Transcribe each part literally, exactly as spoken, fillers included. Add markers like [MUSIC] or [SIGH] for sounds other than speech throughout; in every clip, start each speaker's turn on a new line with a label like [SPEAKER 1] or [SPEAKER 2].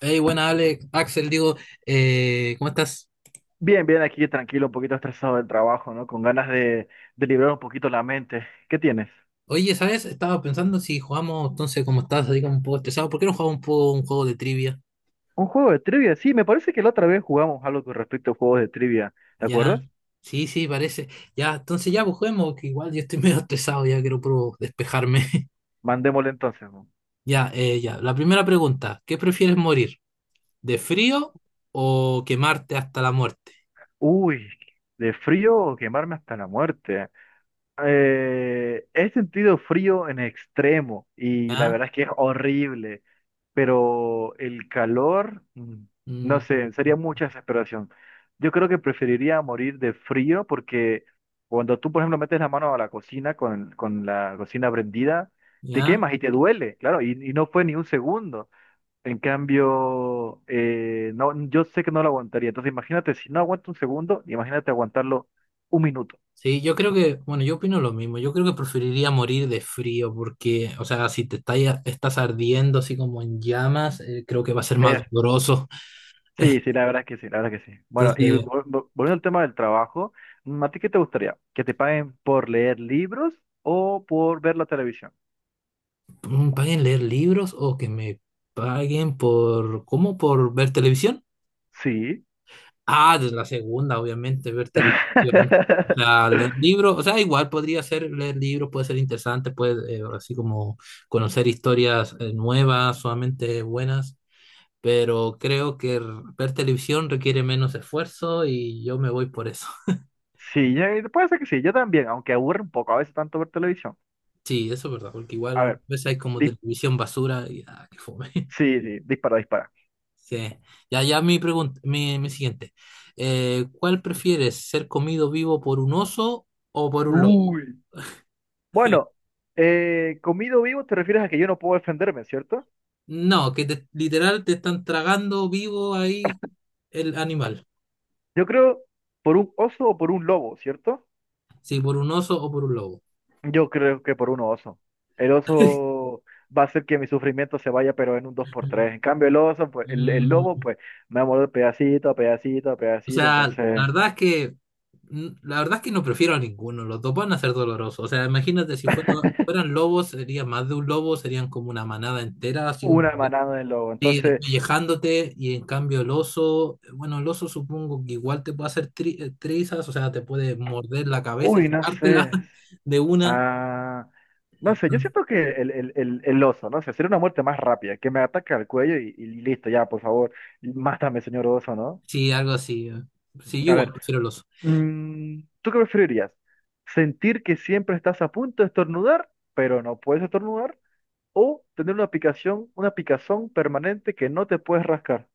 [SPEAKER 1] Hey, buena Alex, Axel, digo, eh, ¿cómo estás?
[SPEAKER 2] Bien, bien, aquí tranquilo, un poquito estresado del trabajo, ¿no? Con ganas de, de liberar un poquito la mente. ¿Qué tienes?
[SPEAKER 1] Oye, ¿sabes? Estaba pensando si jugamos, entonces, como estás así como un poco estresado, ¿por qué no jugamos un poco un juego de trivia?
[SPEAKER 2] ¿Un juego de trivia? Sí, me parece que la otra vez jugamos algo con respecto a juegos de trivia, ¿te acuerdas?
[SPEAKER 1] Ya, sí, sí, parece. Ya, entonces ya, pues juguemos, que igual yo estoy [LAUGHS] medio estresado, ya quiero puro despejarme. [LAUGHS]
[SPEAKER 2] Mandémosle entonces. ¿No?
[SPEAKER 1] Ya, eh, ya. La primera pregunta, ¿qué prefieres morir? ¿De frío o quemarte hasta la muerte?
[SPEAKER 2] Uy, de frío o quemarme hasta la muerte. Eh, he sentido frío en extremo y la
[SPEAKER 1] ¿Ya?
[SPEAKER 2] verdad es que es horrible, pero el calor, mm,
[SPEAKER 1] Mm,
[SPEAKER 2] no sé, sería mucha desesperación. Yo creo que preferiría morir de frío porque cuando tú, por ejemplo, metes la mano a la cocina con, con la cocina prendida, te
[SPEAKER 1] ¿ya?
[SPEAKER 2] quemas y te duele, claro, y, y no fue ni un segundo. En cambio, eh, no, yo sé que no lo aguantaría. Entonces, imagínate, si no aguanto un segundo, imagínate aguantarlo un minuto.
[SPEAKER 1] Sí, yo creo que, bueno, yo opino lo mismo. Yo creo que preferiría morir de frío porque, o sea, si te está- estás ardiendo así como en llamas, eh, creo que va a ser más doloroso.
[SPEAKER 2] Sí, sí,
[SPEAKER 1] [LAUGHS]
[SPEAKER 2] la verdad es que sí, la verdad es que sí. Bueno, y
[SPEAKER 1] Entonces,
[SPEAKER 2] vol- vol- volviendo al tema del trabajo, mm, ¿a ti qué te gustaría? ¿Que te paguen por leer libros o por ver la televisión?
[SPEAKER 1] mm, paguen leer libros o que me paguen por, ¿cómo? ¿Por ver televisión?
[SPEAKER 2] Sí.
[SPEAKER 1] Ah, de la segunda, obviamente, ver televisión. O
[SPEAKER 2] [LAUGHS]
[SPEAKER 1] sea, leer libros, o sea, igual podría ser leer libros, puede ser interesante, puede, eh, así como conocer historias, eh, nuevas, solamente buenas. Pero creo que r- ver televisión requiere menos esfuerzo y yo me voy por eso. [LAUGHS]
[SPEAKER 2] Sí, yo- puede ser que sí, yo también, aunque aburre un poco a veces tanto ver televisión.
[SPEAKER 1] Sí, eso es verdad, porque
[SPEAKER 2] A
[SPEAKER 1] igual a
[SPEAKER 2] ver,
[SPEAKER 1] veces hay como
[SPEAKER 2] di-
[SPEAKER 1] televisión basura y ah, qué fome. [LAUGHS]
[SPEAKER 2] sí, sí, dispara, dispara.
[SPEAKER 1] Sí. Ya, ya mi pregunta, mi, mi siguiente. Eh, ¿cuál prefieres, ser comido vivo por un oso o por un lobo?
[SPEAKER 2] Uy. Bueno, eh, comido vivo te refieres a que yo no puedo defenderme, ¿cierto?
[SPEAKER 1] No, que te- literal te están tragando vivo ahí el animal.
[SPEAKER 2] Yo creo por un oso o por un lobo, ¿cierto?
[SPEAKER 1] Sí, por un oso o por un lobo.
[SPEAKER 2] Yo creo que por un oso. El oso va a hacer que mi sufrimiento se vaya, pero en un dos por tres. En cambio, el oso, pues, el, el lobo,
[SPEAKER 1] Mm.
[SPEAKER 2] pues, me va a morder pedacito a pedacito a
[SPEAKER 1] O
[SPEAKER 2] pedacito.
[SPEAKER 1] sea, la
[SPEAKER 2] Entonces,
[SPEAKER 1] verdad es que n- la verdad es que no prefiero a ninguno, los dos van a ser dolorosos. O sea, imagínate si fuera- fueran lobos, sería más de un lobo, serían como una manada entera, así como
[SPEAKER 2] una manada del lobo.
[SPEAKER 1] sí,
[SPEAKER 2] Entonces,
[SPEAKER 1] despellejándote, y en cambio el oso, bueno, el oso supongo que igual te puede hacer tri- eh, trizas, o sea, te puede morder la cabeza, y
[SPEAKER 2] uy, no
[SPEAKER 1] sacártela
[SPEAKER 2] sé.
[SPEAKER 1] [LAUGHS] de una.
[SPEAKER 2] Ah, no sé, yo siento que el, el, el, el oso, no sé, sería una muerte más rápida, que me ataque al cuello y, y listo, ya, por favor, mátame, señor oso, ¿no?
[SPEAKER 1] Sí, algo así. Eh. Sí, yo
[SPEAKER 2] A
[SPEAKER 1] igual
[SPEAKER 2] ver,
[SPEAKER 1] prefiero el oso.
[SPEAKER 2] mm, ¿tú qué preferirías? ¿Sentir que siempre estás a punto de estornudar, pero no puedes estornudar? ¿O tener una picación, una picazón permanente que no te puedes rascar?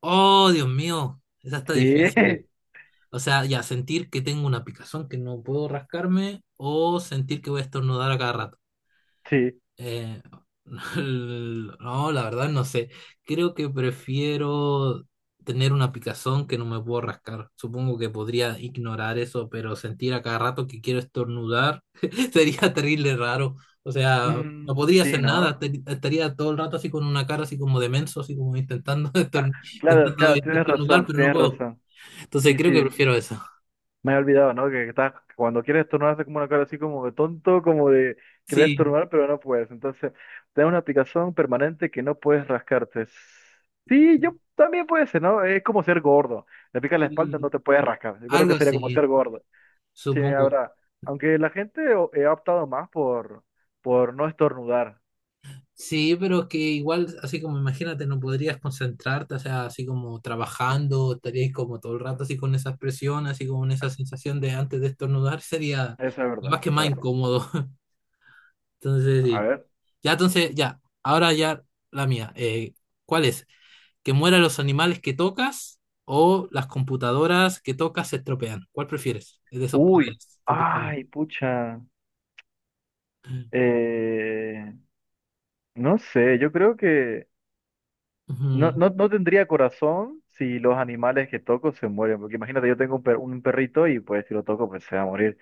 [SPEAKER 1] Oh, Dios mío, esa está
[SPEAKER 2] Sí,
[SPEAKER 1] difícil.
[SPEAKER 2] [LAUGHS]
[SPEAKER 1] O sea, ya sentir que tengo una picazón que no puedo rascarme o sentir que voy a estornudar a cada rato.
[SPEAKER 2] sí.
[SPEAKER 1] Eh, [LAUGHS] no, la verdad no sé. Creo que prefiero tener una picazón que no me puedo rascar. Supongo que podría ignorar eso, pero sentir a cada rato que quiero estornudar [LAUGHS] sería terrible raro. O sea, no
[SPEAKER 2] Mm,
[SPEAKER 1] podría
[SPEAKER 2] sí,
[SPEAKER 1] hacer nada.
[SPEAKER 2] ¿no?
[SPEAKER 1] te- Estaría todo el rato así con una cara así como de menso, así como intentando [LAUGHS] estorn-
[SPEAKER 2] Claro,
[SPEAKER 1] intentando
[SPEAKER 2] claro, tienes
[SPEAKER 1] estornudar,
[SPEAKER 2] razón,
[SPEAKER 1] pero no
[SPEAKER 2] tienes
[SPEAKER 1] puedo.
[SPEAKER 2] razón.
[SPEAKER 1] Entonces
[SPEAKER 2] Sí,
[SPEAKER 1] creo que
[SPEAKER 2] sí,
[SPEAKER 1] prefiero eso.
[SPEAKER 2] me he olvidado, ¿no? Que estás, cuando quieres estornudar haces como una cara así como de tonto, como de quieres
[SPEAKER 1] Sí.
[SPEAKER 2] estornudar, pero no puedes. Entonces, tener una picazón permanente que no puedes rascarte. Sí, yo también puede ser, ¿no? Es como ser gordo. Te pica la espalda,
[SPEAKER 1] Y
[SPEAKER 2] no te puedes rascar. Yo creo
[SPEAKER 1] algo
[SPEAKER 2] que sería como
[SPEAKER 1] así,
[SPEAKER 2] ser gordo. Sí,
[SPEAKER 1] supongo.
[SPEAKER 2] ahora, aunque la gente o- eh, ha optado más por, por no estornudar,
[SPEAKER 1] Sí, pero es que igual, así como imagínate, no podrías concentrarte, o sea, así como trabajando, estarías como todo el rato así con esa presión, así como en esa sensación de antes de estornudar, sería
[SPEAKER 2] eso es verdad,
[SPEAKER 1] más que
[SPEAKER 2] eso es
[SPEAKER 1] más
[SPEAKER 2] verdad.
[SPEAKER 1] incómodo. [LAUGHS] Entonces,
[SPEAKER 2] A
[SPEAKER 1] sí.
[SPEAKER 2] ver,
[SPEAKER 1] Ya, entonces, ya, ahora ya la mía. Eh, ¿cuál es? ¿Que mueran los animales que tocas o las computadoras que tocas se estropean? ¿Cuál prefieres? De esos
[SPEAKER 2] uy,
[SPEAKER 1] poderes, supuestamente.
[SPEAKER 2] ay, pucha, eh, no sé, yo creo que no,
[SPEAKER 1] Ujú.
[SPEAKER 2] no, no tendría corazón si los animales que toco se mueren, porque imagínate, yo tengo un, per- un perrito y pues si lo toco pues se va a morir.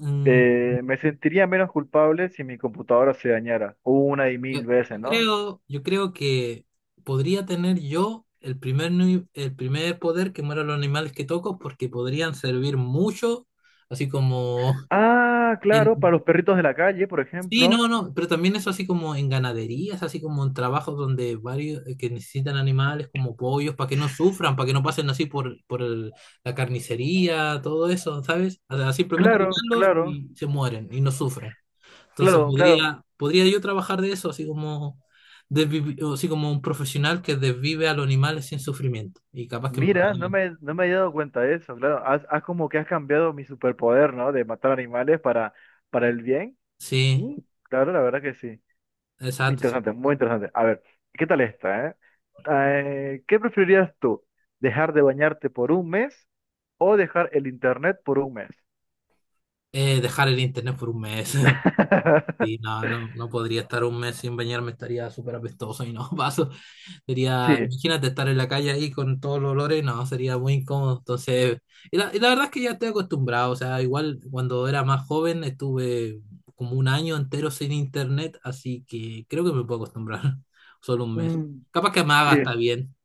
[SPEAKER 1] Mm.
[SPEAKER 2] Eh, me sentiría menos culpable si mi computadora se dañara, una y
[SPEAKER 1] Yo,
[SPEAKER 2] mil veces,
[SPEAKER 1] yo
[SPEAKER 2] ¿no?
[SPEAKER 1] creo, yo creo que podría tener yo el primer, ni- el primer poder que mueran los animales que toco porque podrían servir mucho, así como
[SPEAKER 2] Ah,
[SPEAKER 1] [LAUGHS]
[SPEAKER 2] claro, para
[SPEAKER 1] en...
[SPEAKER 2] los perritos de la calle, por
[SPEAKER 1] Sí,
[SPEAKER 2] ejemplo.
[SPEAKER 1] no, no, pero también eso así como en ganaderías, así como en trabajos donde varios eh, que necesitan animales como pollos para que no sufran, para que no pasen así por, por el- la carnicería, todo eso, ¿sabes? O sea, simplemente
[SPEAKER 2] Claro,
[SPEAKER 1] tocarlos
[SPEAKER 2] claro,
[SPEAKER 1] y se mueren y no sufren. Entonces
[SPEAKER 2] claro, claro.
[SPEAKER 1] podría, podría yo trabajar de eso, así como, desvivi- o así como un profesional que desvive a los animales sin sufrimiento. Y capaz que me
[SPEAKER 2] Mira, no
[SPEAKER 1] pagarían.
[SPEAKER 2] me, no me había dado cuenta de eso, claro. Has, has como que has cambiado mi superpoder, ¿no? De matar animales para, para el bien.
[SPEAKER 1] Sí,
[SPEAKER 2] Mm, claro, la verdad que sí.
[SPEAKER 1] exacto. Sí.
[SPEAKER 2] Interesante, muy interesante. A ver, ¿qué tal esta, eh? Ah, Eh, ¿qué preferirías tú? ¿Dejar de bañarte por un mes o dejar el internet por un mes?
[SPEAKER 1] Eh, dejar el internet por un mes. [LAUGHS] Sí,
[SPEAKER 2] [LAUGHS]
[SPEAKER 1] no, no, no podría estar un mes sin bañarme, estaría súper apestoso y no [LAUGHS] paso.
[SPEAKER 2] Sí,
[SPEAKER 1] Sería, imagínate estar en la calle ahí con todos los olores, no, sería muy incómodo. Entonces, y la, y la verdad es que ya estoy acostumbrado, o sea, igual cuando era más joven estuve como un año entero sin internet, así que creo que me puedo acostumbrar, [LAUGHS] solo un mes.
[SPEAKER 2] mm,
[SPEAKER 1] Capaz que me haga está
[SPEAKER 2] sí,
[SPEAKER 1] bien,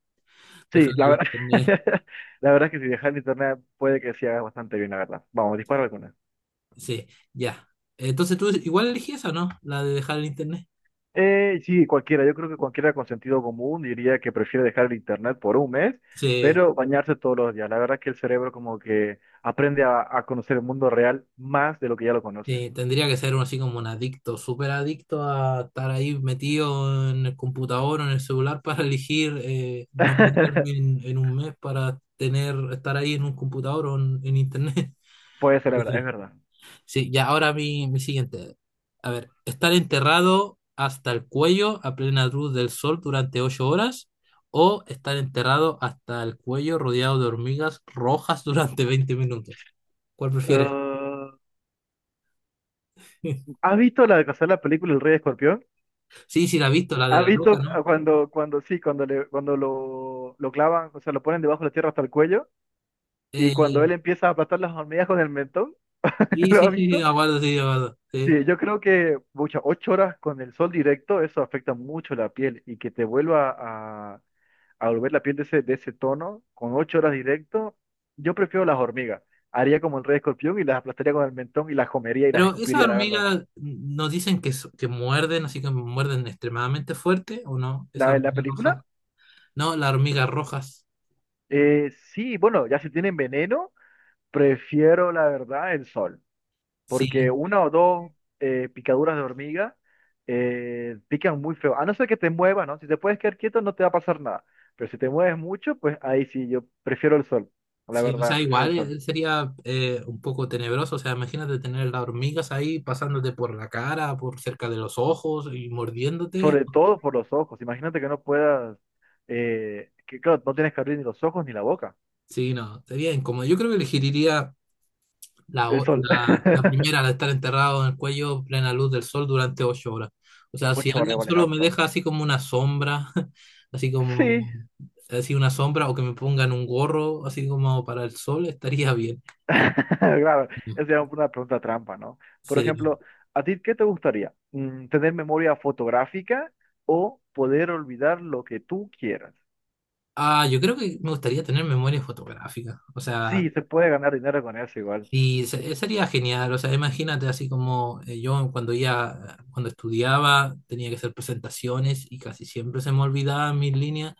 [SPEAKER 1] dejar
[SPEAKER 2] sí, la
[SPEAKER 1] el
[SPEAKER 2] verdad,
[SPEAKER 1] internet.
[SPEAKER 2] [LAUGHS] la verdad es que si dejar el internet puede que sí hagas bastante bien, la verdad. Vamos, dispara alguna.
[SPEAKER 1] Sí, ya. Entonces tú igual elegí esa, ¿no? La de dejar el internet.
[SPEAKER 2] Eh, sí, cualquiera. Yo creo que cualquiera con sentido común diría que prefiere dejar el internet por un mes,
[SPEAKER 1] Sí.
[SPEAKER 2] pero bañarse todos los días. La verdad que el cerebro como que aprende a, a conocer el mundo real más de lo que ya lo conocen.
[SPEAKER 1] Sí, tendría que ser uno así como un adicto, súper adicto a estar ahí metido en el computador o en el celular para elegir eh, no meterme
[SPEAKER 2] [LAUGHS]
[SPEAKER 1] en, en un mes para tener, estar ahí en un computador o en, en internet.
[SPEAKER 2] Puede
[SPEAKER 1] [LAUGHS]
[SPEAKER 2] ser, la verdad, es
[SPEAKER 1] Sí,
[SPEAKER 2] verdad.
[SPEAKER 1] sí, ya ahora mi, mi siguiente. A ver, estar enterrado hasta el cuello a plena luz del sol durante ocho horas o estar enterrado hasta el cuello rodeado de hormigas rojas [LAUGHS] durante veinte minutos. ¿Cuál prefieres?
[SPEAKER 2] Ah,
[SPEAKER 1] [LAUGHS]
[SPEAKER 2] ¿has visto la de casualidad la película El Rey Escorpión?
[SPEAKER 1] Sí, sí, la he visto, la de
[SPEAKER 2] ¿Has
[SPEAKER 1] la roca,
[SPEAKER 2] visto cu-
[SPEAKER 1] ¿no?
[SPEAKER 2] cuando, cuando sí, cuando le, cuando lo, lo clavan, o sea, lo ponen debajo de la tierra hasta el cuello y cuando él
[SPEAKER 1] Eh,
[SPEAKER 2] empieza a aplastar las hormigas con el mentón? [LAUGHS]
[SPEAKER 1] sí,
[SPEAKER 2] ¿Lo
[SPEAKER 1] sí,
[SPEAKER 2] has
[SPEAKER 1] sí, sí,
[SPEAKER 2] visto?
[SPEAKER 1] aguardo, sí, aguardo, sí.
[SPEAKER 2] Sí, yo creo que muchas ocho horas con el sol directo, eso afecta mucho la piel y que te vuelva a, a volver la piel de ese, de ese tono con ocho horas directo, yo prefiero las hormigas. Haría como el Rey Escorpión y las aplastaría con el mentón y las comería y las
[SPEAKER 1] Pero esas
[SPEAKER 2] escupiría, la verdad.
[SPEAKER 1] hormigas mm, nos dicen que, so- que muerden, así que muerden extremadamente fuerte, ¿o no? Esa
[SPEAKER 2] La, la
[SPEAKER 1] hormiga roja.
[SPEAKER 2] película,
[SPEAKER 1] No, las hormigas rojas.
[SPEAKER 2] eh, sí, bueno, ya si tienen veneno, prefiero la verdad el sol. Porque
[SPEAKER 1] Sí,
[SPEAKER 2] una o dos eh, picaduras de hormiga eh, pican muy feo. A no ser que te muevas, ¿no? Si te puedes quedar quieto, no te va a pasar nada. Pero si te mueves mucho, pues ahí sí, yo prefiero el sol. La
[SPEAKER 1] sí, o
[SPEAKER 2] verdad,
[SPEAKER 1] sea,
[SPEAKER 2] prefiero el
[SPEAKER 1] igual
[SPEAKER 2] sol.
[SPEAKER 1] eh, sería eh, un poco tenebroso. O sea, imagínate tener las hormigas ahí pasándote por la cara, por cerca de los ojos y mordiéndote.
[SPEAKER 2] Sobre todo por los ojos. Imagínate que no puedas, eh, que claro, no tienes que abrir ni los ojos ni la boca.
[SPEAKER 1] Sí, no, sería incómodo. Yo creo que elegiría La,
[SPEAKER 2] El
[SPEAKER 1] o-
[SPEAKER 2] sol. [LAUGHS]
[SPEAKER 1] la, la primera, la de estar enterrado en el cuello, plena luz del sol durante ocho horas. O sea, si
[SPEAKER 2] Ocho vale,
[SPEAKER 1] alguien
[SPEAKER 2] vale,
[SPEAKER 1] solo me
[SPEAKER 2] harto.
[SPEAKER 1] deja así como una sombra, [LAUGHS] así
[SPEAKER 2] Sí,
[SPEAKER 1] como, así una sombra, o que me pongan un gorro, así como para el sol, estaría bien.
[SPEAKER 2] [LAUGHS] claro, esa es una pregunta trampa, ¿no? Por
[SPEAKER 1] Sí.
[SPEAKER 2] ejemplo, ¿a ti qué te gustaría? Mm, ¿Tener memoria fotográfica o poder olvidar lo que tú quieras?
[SPEAKER 1] Ah, yo creo que me gustaría tener memoria fotográfica. O sea,
[SPEAKER 2] Sí, se puede ganar dinero con eso igual.
[SPEAKER 1] y se- sería genial. O sea, imagínate así como eh, yo cuando ya, cuando estudiaba, tenía que hacer presentaciones y casi siempre se me olvidaban mis líneas.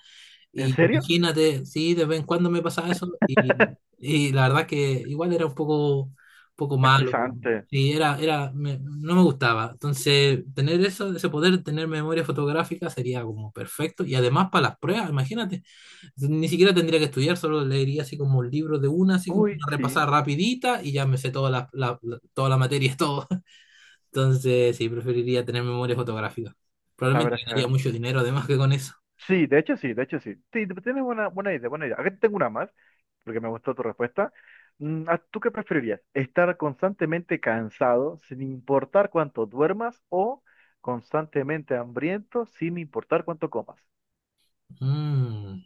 [SPEAKER 2] ¿En
[SPEAKER 1] Y
[SPEAKER 2] serio?
[SPEAKER 1] imagínate, sí, de vez en cuando me pasaba eso y,
[SPEAKER 2] [LAUGHS]
[SPEAKER 1] y la verdad que igual era un poco, poco malo.
[SPEAKER 2] Estresante.
[SPEAKER 1] Sí, era, era, me- no me gustaba. Entonces, tener eso, ese poder, tener memoria fotográfica sería como perfecto. Y además para las pruebas, imagínate, ni siquiera tendría que estudiar, solo leería así como un libro de una, así como
[SPEAKER 2] Uy,
[SPEAKER 1] una
[SPEAKER 2] sí,
[SPEAKER 1] repasada rapidita y ya me sé toda la, la, la- toda la materia, [LAUGHS] todo. Entonces, sí, preferiría tener memoria fotográfica.
[SPEAKER 2] la
[SPEAKER 1] Probablemente
[SPEAKER 2] verdad es
[SPEAKER 1] ganaría
[SPEAKER 2] que...
[SPEAKER 1] mucho dinero además que con eso.
[SPEAKER 2] Sí, de hecho sí, de hecho sí. Sí, tienes buena, buena idea, buena idea. Aquí tengo una más. Porque me gustó tu respuesta. Mm, ¿a- ¿Tú qué preferirías? ¿Estar constantemente cansado sin importar cuánto duermas o constantemente hambriento sin importar cuánto comas?
[SPEAKER 1] Mm.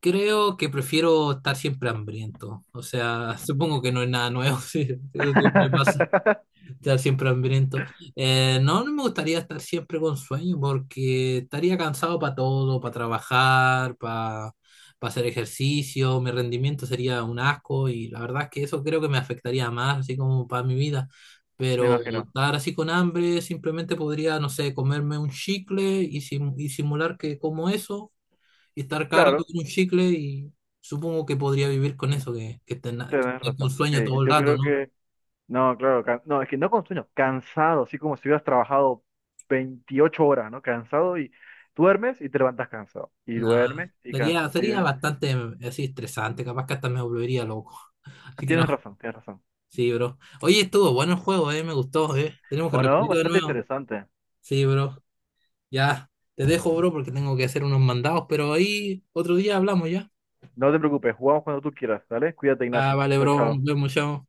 [SPEAKER 1] Creo que prefiero estar siempre hambriento. O sea, [LAUGHS] supongo que no es nada nuevo, [LAUGHS] sí, eso siempre pasa,
[SPEAKER 2] [LAUGHS]
[SPEAKER 1] estar siempre hambriento. Eh, no, no me gustaría estar siempre con sueño porque estaría cansado para todo, para trabajar, para hacer ejercicio, mi rendimiento sería un asco y la verdad es que eso creo que me afectaría más, así como para mi vida.
[SPEAKER 2] Me
[SPEAKER 1] Pero
[SPEAKER 2] imagino.
[SPEAKER 1] estar así con hambre, simplemente podría, no sé, comerme un chicle y, sim- y simular que como eso y estar cada rato
[SPEAKER 2] Claro,
[SPEAKER 1] con un chicle y supongo que podría vivir con eso, que, que estar na- que
[SPEAKER 2] tenés
[SPEAKER 1] estar con
[SPEAKER 2] razón.
[SPEAKER 1] sueño
[SPEAKER 2] Que
[SPEAKER 1] todo el
[SPEAKER 2] yo
[SPEAKER 1] rato,
[SPEAKER 2] creo
[SPEAKER 1] ¿no?
[SPEAKER 2] que... No, claro, can- no, es que no con sueño, cansado, así como si hubieras trabajado veintiocho horas, ¿no? Cansado y duermes y te levantas cansado. Y
[SPEAKER 1] Nada.
[SPEAKER 2] duermes y
[SPEAKER 1] Sería,
[SPEAKER 2] cansado. Así
[SPEAKER 1] sería
[SPEAKER 2] de...
[SPEAKER 1] bastante mm, así estresante, capaz que hasta me volvería loco. [LAUGHS] Así que
[SPEAKER 2] Tienes
[SPEAKER 1] no,
[SPEAKER 2] razón, tienes razón.
[SPEAKER 1] sí, bro. Oye, estuvo bueno el juego, eh, me gustó, eh. Tenemos que
[SPEAKER 2] ¿O no?
[SPEAKER 1] repetirlo de
[SPEAKER 2] Bastante
[SPEAKER 1] nuevo.
[SPEAKER 2] interesante.
[SPEAKER 1] Sí, bro. Ya, te dejo, bro, porque tengo que hacer unos mandados, pero ahí otro día hablamos ya.
[SPEAKER 2] No te preocupes, jugamos cuando tú quieras, ¿vale? Cuídate,
[SPEAKER 1] Ah,
[SPEAKER 2] Ignacio.
[SPEAKER 1] vale,
[SPEAKER 2] Chao,
[SPEAKER 1] bro, nos
[SPEAKER 2] chao.
[SPEAKER 1] vemos, chao.